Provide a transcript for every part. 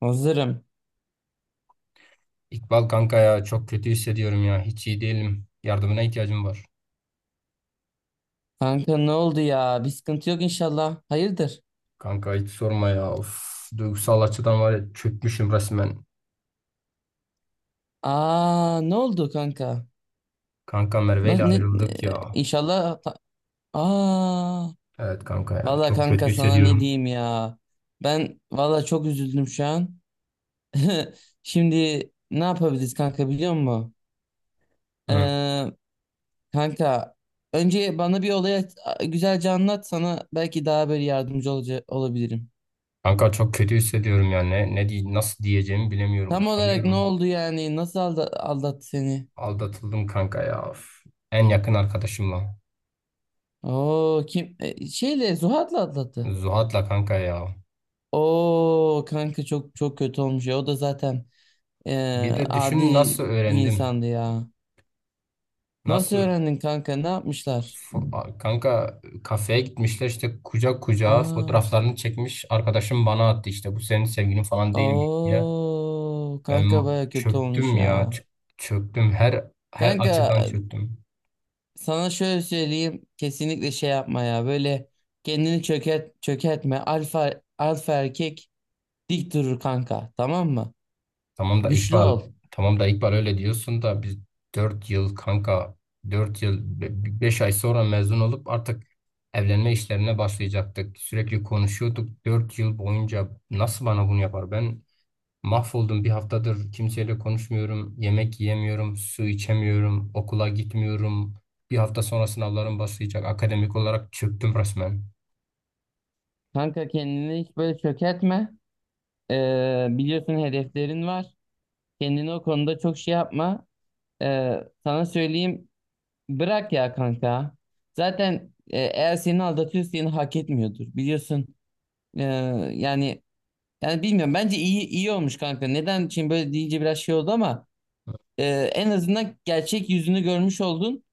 Hazırım. İkbal kanka ya, çok kötü hissediyorum ya. Hiç iyi değilim. Yardımına ihtiyacım var. Kanka ne oldu ya? Bir sıkıntı yok inşallah. Hayırdır? Kanka hiç sorma ya. Of, duygusal açıdan var ya, çökmüşüm resmen. Aa, ne oldu kanka? Kanka Merve Na- ile Ne, ne, ayrıldık ya. inşallah Aa, Evet kanka ya, valla çok kanka kötü sana ne hissediyorum. diyeyim ya? Ben valla çok üzüldüm şu an. Şimdi ne yapabiliriz kanka biliyor musun? Hı. Ee, kanka önce bana bir olayı güzelce anlat, sana belki daha böyle yardımcı olabilirim. Kanka çok kötü hissediyorum ya. Ne diye, nasıl diyeceğimi bilemiyorum. Tam olarak ne Utanıyorum. oldu yani? Nasıl aldattı seni? Aldatıldım kanka ya. Of. En yakın arkadaşımla. Oo, kim, şeyle Zuhat'la atlattı. Zuhat'la kanka ya. Oo kanka, çok çok kötü olmuş ya. O da zaten e, Bir de adi düşün, nasıl bir öğrendim. insandı ya. Nasıl Nasıl? öğrendin kanka? Ne yapmışlar? F- Kanka kafeye gitmişler işte, kucak kucağa Aa, fotoğraflarını çekmiş. Arkadaşım bana attı işte, bu senin sevgilin falan değil mi diye. oo Ben kanka, baya kötü olmuş çöktüm ya, ya. Çöktüm her Kanka açıdan çöktüm. sana şöyle söyleyeyim, kesinlikle şey yapma ya. Böyle kendini çökert çökertme. Alfa alfa erkek dik durur kanka. Tamam mı? Tamam da Güçlü İkbal ol. tamam da İkbal, öyle diyorsun da biz 4 yıl kanka, 4 yıl 5 ay sonra mezun olup artık evlenme işlerine başlayacaktık. Sürekli konuşuyorduk 4 yıl boyunca, nasıl bana bunu yapar? Ben mahvoldum, bir haftadır kimseyle konuşmuyorum, yemek yiyemiyorum, su içemiyorum, okula gitmiyorum. Bir hafta sonra sınavlarım başlayacak. Akademik olarak çöktüm resmen. Kanka kendini hiç böyle çökertme. Biliyorsun, hedeflerin var. Kendini o konuda çok şey yapma. Sana söyleyeyim, bırak ya kanka. Zaten eğer seni aldatıyorsa seni hak etmiyordur. Biliyorsun, Ee, yani yani bilmiyorum, bence iyi olmuş kanka. Neden şimdi böyle deyince biraz şey oldu ama e, en azından gerçek yüzünü görmüş oldun.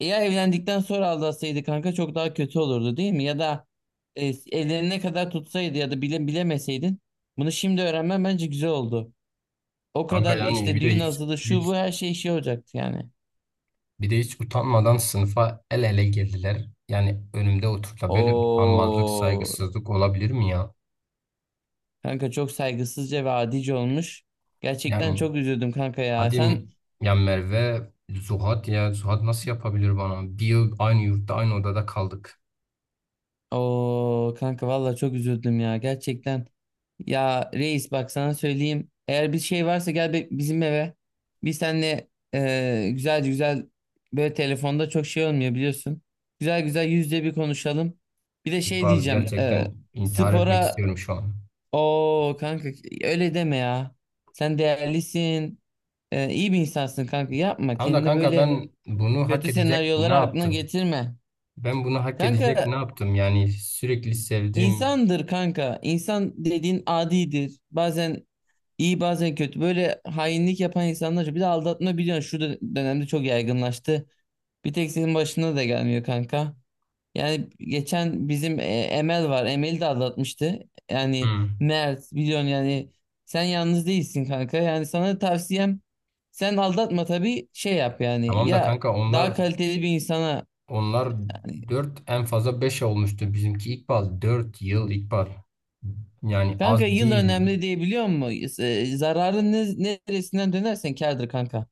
Eğer evlendikten sonra aldatsaydı kanka çok daha kötü olurdu değil mi? Ya da e, ellerine kadar tutsaydı ya da bile bilemeseydin, bunu şimdi öğrenmen bence güzel oldu. O Kanka kadar yani, işte bir de düğün hiç hazırlığı şu hiç bu her şey şey olacaktı yani. bir de hiç utanmadan sınıfa el ele girdiler. Yani önümde oturtla, böyle utanmazlık, O saygısızlık olabilir mi ya? kanka çok saygısızca ve adice olmuş. Gerçekten Yani çok üzüldüm kanka ya. hadi Sen, ya, Merve, Zuhat, ya Zuhat nasıl yapabilir bana? Bir yıl aynı yurtta, aynı odada kaldık. o kanka valla çok üzüldüm ya gerçekten. Ya reis, bak sana söyleyeyim. Eğer bir şey varsa gel bizim eve. Biz seninle güzel güzel, böyle telefonda çok şey olmuyor biliyorsun. Güzel güzel %1 konuşalım. Bir de şey İkbal, diyeceğim. Gerçekten intihar etmek Spora... istiyorum şu an. Oo kanka, öyle deme ya. Sen değerlisin. İyi bir insansın kanka. Yapma Tamam da kendini kanka, böyle ben bunu hak kötü edecek ne senaryolara, aklına yaptım? getirme. Ben bunu hak edecek ne Kanka, yaptım? Yani sürekli sevdiğim... insandır kanka. İnsan dediğin adidir. Bazen iyi bazen kötü. Böyle hainlik yapan insanlar. Bir de aldatma biliyorsun şu dönemde çok yaygınlaştı. Bir tek senin başına da gelmiyor kanka. Yani geçen bizim Emel var. Emel'i de aldatmıştı. Yani Hmm. Mert biliyorsun yani, sen yalnız değilsin kanka. Yani sana tavsiyem, sen aldatma tabii şey yap yani. Tamam da Ya kanka, daha onlar kaliteli bir insana, onlar hani, dört, en fazla 5 olmuştu. Bizimki ilkbahar 4 yıl ilkbahar. Yani kanka az yıl değil. önemli diye biliyor musun? E, neresinden dönersen kârdır kanka.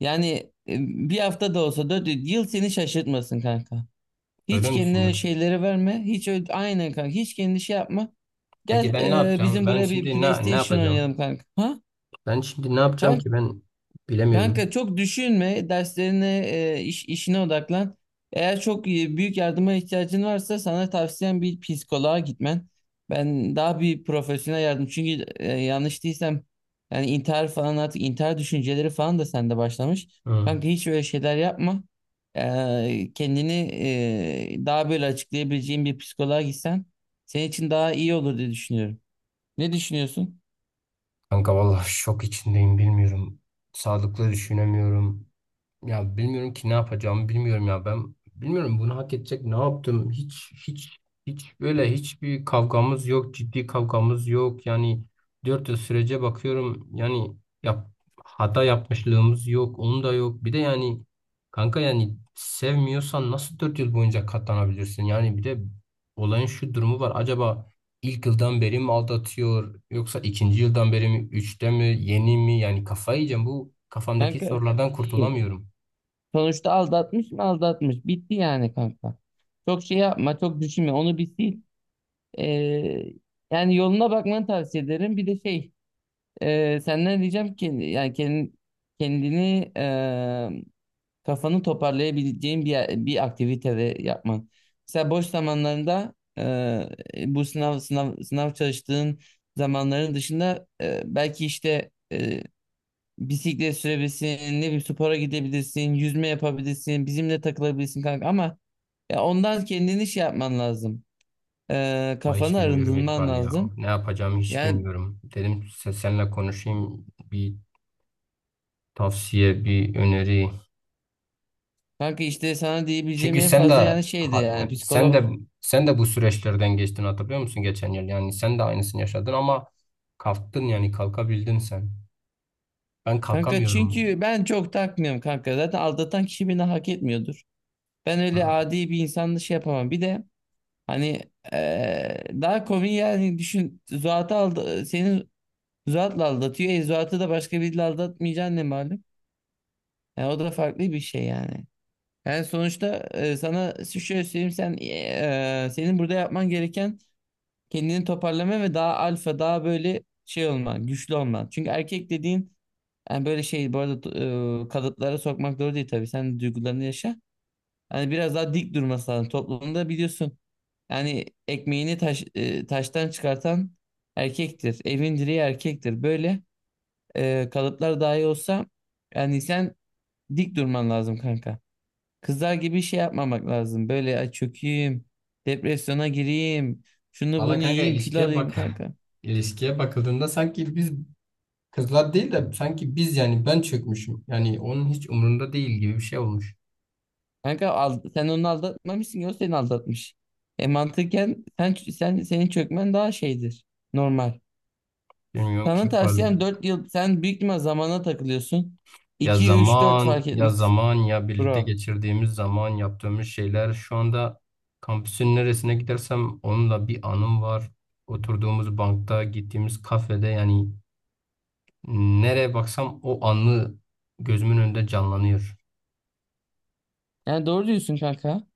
Yani e, bir hafta da olsa 4 yıl seni şaşırtmasın kanka. Öyle Hiç mi kendine düşünüyorsun? şeyleri verme. Hiç öyle, aynen kanka. Hiç kendine şey yapma. Peki Gel, ben ne yapacağım? bizim Ben buraya bir şimdi ne PlayStation yapacağım? oynayalım kanka. Ha? Ben şimdi ne yapacağım Kanka, ki, ben bilemiyorum. kanka çok düşünme. Derslerine, işine odaklan. Eğer çok büyük yardıma ihtiyacın varsa sana tavsiyem bir psikoloğa gitmen. Ben daha bir profesyonel yardım. Çünkü yanlış değilsem, yani intihar falan, artık intihar düşünceleri falan da sende başlamış. Hmm. Kanka hiç öyle şeyler yapma. Kendini daha böyle açıklayabileceğin bir psikoloğa gitsen senin için daha iyi olur diye düşünüyorum. Ne düşünüyorsun? Kanka vallahi şok içindeyim, bilmiyorum. Sağlıklı düşünemiyorum. Ya bilmiyorum ki, ne yapacağımı bilmiyorum ya, ben bilmiyorum bunu hak edecek ne yaptım. Hiç böyle hiçbir kavgamız yok, ciddi kavgamız yok yani. Dört yıl sürece bakıyorum yani, yap, hata yapmışlığımız yok, onun da yok. Bir de yani kanka, yani sevmiyorsan nasıl dört yıl boyunca katlanabilirsin yani? Bir de olayın şu durumu var, acaba ilk yıldan beri mi aldatıyor, yoksa ikinci yıldan beri mi, üçte mi, yeni mi? Yani kafayı yiyeceğim bu kafamdaki Kanka sorulardan, önemli değil. kurtulamıyorum. Sonuçta aldatmış mı aldatmış. Bitti yani kanka. Çok şey yapma, çok düşünme, onu bir sil. Ee, yani yoluna bakmanı tavsiye ederim. Bir de şey, senden diyeceğim ki yani kendini, kendini e, kafanı toparlayabileceğin bir aktivite yapman. Mesela boş zamanlarında, bu sınav sınav sınav çalıştığın zamanların dışında, belki işte bisiklet sürebilirsin, ne bir spora gidebilirsin, yüzme yapabilirsin, bizimle takılabilirsin kanka ama ya ondan kendini şey yapman lazım. Ama hiç Kafanı bilmiyorum arındırman İkbal ya. lazım. Ne yapacağımı hiç Yani bilmiyorum. Dedim seninle konuşayım, bir tavsiye, bir öneri. kanka işte sana diyebileceğim Çünkü en fazla yani şeydi, yani yani sen de psikolog. sen de bu süreçlerden geçtin, hatırlıyor musun geçen yıl? Yani sen de aynısını yaşadın ama kalktın, yani kalkabildin sen. Ben Kanka kalkamıyorum. çünkü ben çok takmıyorum kanka. Zaten aldatan kişi beni hak etmiyordur. Ben Hı. öyle adi bir insanla şey yapamam. Bir de hani daha komik yani düşün. Zuhat'ı aldı, seni Zuhat'la aldatıyor. E, Zuhat'ı da başka biriyle aldatmayacaksın ne malum. Yani o da farklı bir şey yani. Yani sonuçta, sana şöyle söyleyeyim, sen, e, senin burada yapman gereken kendini toparlama ve daha alfa, daha böyle şey olman, güçlü olman. Çünkü erkek dediğin yani böyle şey, bu arada kalıplara sokmak doğru değil tabii. Sen duygularını yaşa. Hani biraz daha dik durması lazım. Toplumda biliyorsun yani ekmeğini taştan çıkartan erkektir. Evin direği erkektir. Böyle kalıplar dahi olsa yani sen dik durman lazım kanka. Kızlar gibi şey yapmamak lazım. Böyle ay çökeyim, depresyona gireyim, şunu Valla bunu kanka, yiyeyim, kilo ilişkiye alayım bak. kanka. İlişkiye bakıldığında, sanki biz kızlar değil de sanki biz, yani ben çökmüşüm. Yani onun hiç umurunda değil gibi bir şey olmuş. Kanka sen onu aldatmamışsın ki, o seni aldatmış. E mantıken sen senin çökmen daha şeydir. Normal. Bilmiyorum ki Sana İkbal. tavsiyem 4 yıl, sen büyük ihtimal zamana takılıyorsun. Ya İki 3 4 zaman, fark ya etmez zaman, ya birlikte bro. geçirdiğimiz zaman, yaptığımız şeyler. Şu anda kampüsün neresine gidersem onunla bir anım var. Oturduğumuz bankta, gittiğimiz kafede, yani nereye baksam o anı gözümün önünde canlanıyor. Yani doğru diyorsun kanka.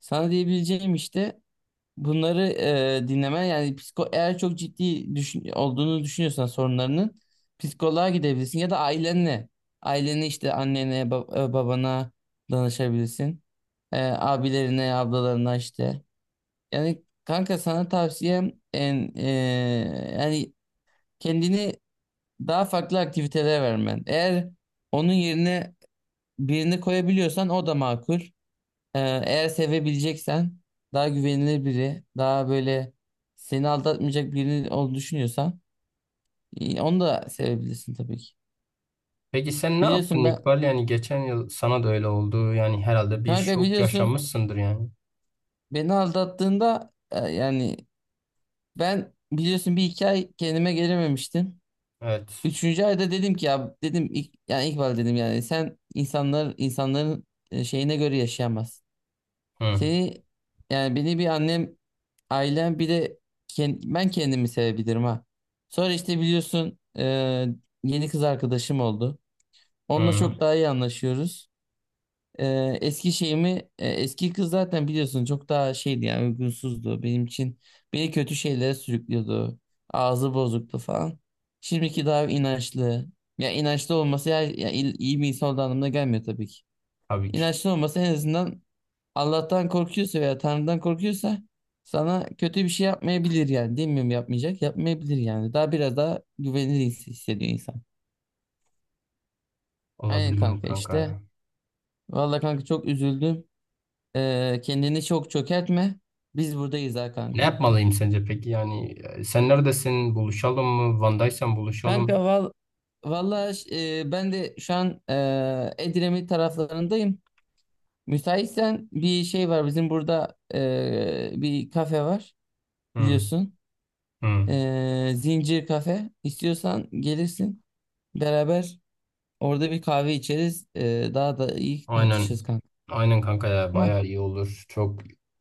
Sana diyebileceğim işte bunları, dinleme. Yani psiko, eğer çok ciddi olduğunu düşünüyorsan sorunlarının, psikoloğa gidebilirsin ya da ailenle, işte annene, babana danışabilirsin. E, abilerine, ablalarına işte, yani kanka sana tavsiyem en, yani kendini daha farklı aktivitelere vermen. Eğer onun yerine birini koyabiliyorsan o da makul. ee, eğer sevebileceksen daha güvenilir biri, daha böyle seni aldatmayacak biri olduğunu düşünüyorsan, onu da sevebilirsin tabii ki. Peki sen ne yaptın Biliyorsun ben, İkbal? Yani geçen yıl sana da öyle oldu. Yani herhalde bir şok biliyorsun, yaşamışsındır yani. beni aldattığında, yani ben biliyorsun 1 2 ay kendime gelememiştim. Evet. Üçüncü ayda dedim ki ya, dedim ilk, yani ilk dedim, yani sen insanların şeyine göre yaşayamazsın. Hı, Seni yani beni bir annem, ailem, bir de ben kendimi sevebilirim ha. Sonra işte biliyorsun, yeni kız arkadaşım oldu. Onunla hı. çok daha iyi anlaşıyoruz. E, Eski şeyimi, eski kız zaten biliyorsun çok daha şeydi, yani uygunsuzdu benim için. Beni kötü şeylere sürüklüyordu. Ağzı bozuktu falan. Şimdiki daha inançlı. Ya inançlı olması, ya iyi bir insan olduğu anlamına gelmiyor tabii ki. Tabii ki. İnançlı olması en azından, Allah'tan korkuyorsa veya Tanrı'dan korkuyorsa sana kötü bir şey yapmayabilir yani. Demiyorum yapmayacak. Yapmayabilir yani. Daha biraz daha güvenilir hissediyor insan. Aynen Olabilir mi kanka kanka işte. ya? Vallahi kanka çok üzüldüm. Kendini çok çökertme. Biz buradayız ha Ne kanka. yapmalıyım sence peki? Yani sen neredesin? Buluşalım mı? Van'daysan buluşalım. Kanka val Vallahi ben de şu an Edremit taraflarındayım. Müsaitsen bir şey var, bizim burada bir kafe var Hı, biliyorsun. hı. Zincir Kafe. İstiyorsan gelirsin. Beraber orada bir kahve içeriz. Daha da iyi Aynen. tartışırız kanka. Aynen kanka ya, Tamam. bayağı iyi olur. Çok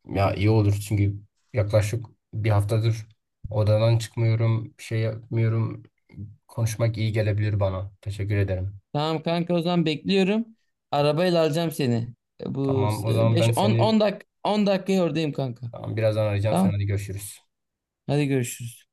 ya, iyi olur çünkü yaklaşık bir haftadır odadan çıkmıyorum, bir şey yapmıyorum. Konuşmak iyi gelebilir bana. Teşekkür ederim. Tamam kanka, o zaman bekliyorum. Arabayla alacağım seni. Bu Tamam o e, zaman, 5 10 10 dak 10 dakikaya oradayım kanka. Birazdan arayacağım. Sen Tamam. hadi görüşürüz. Hadi görüşürüz.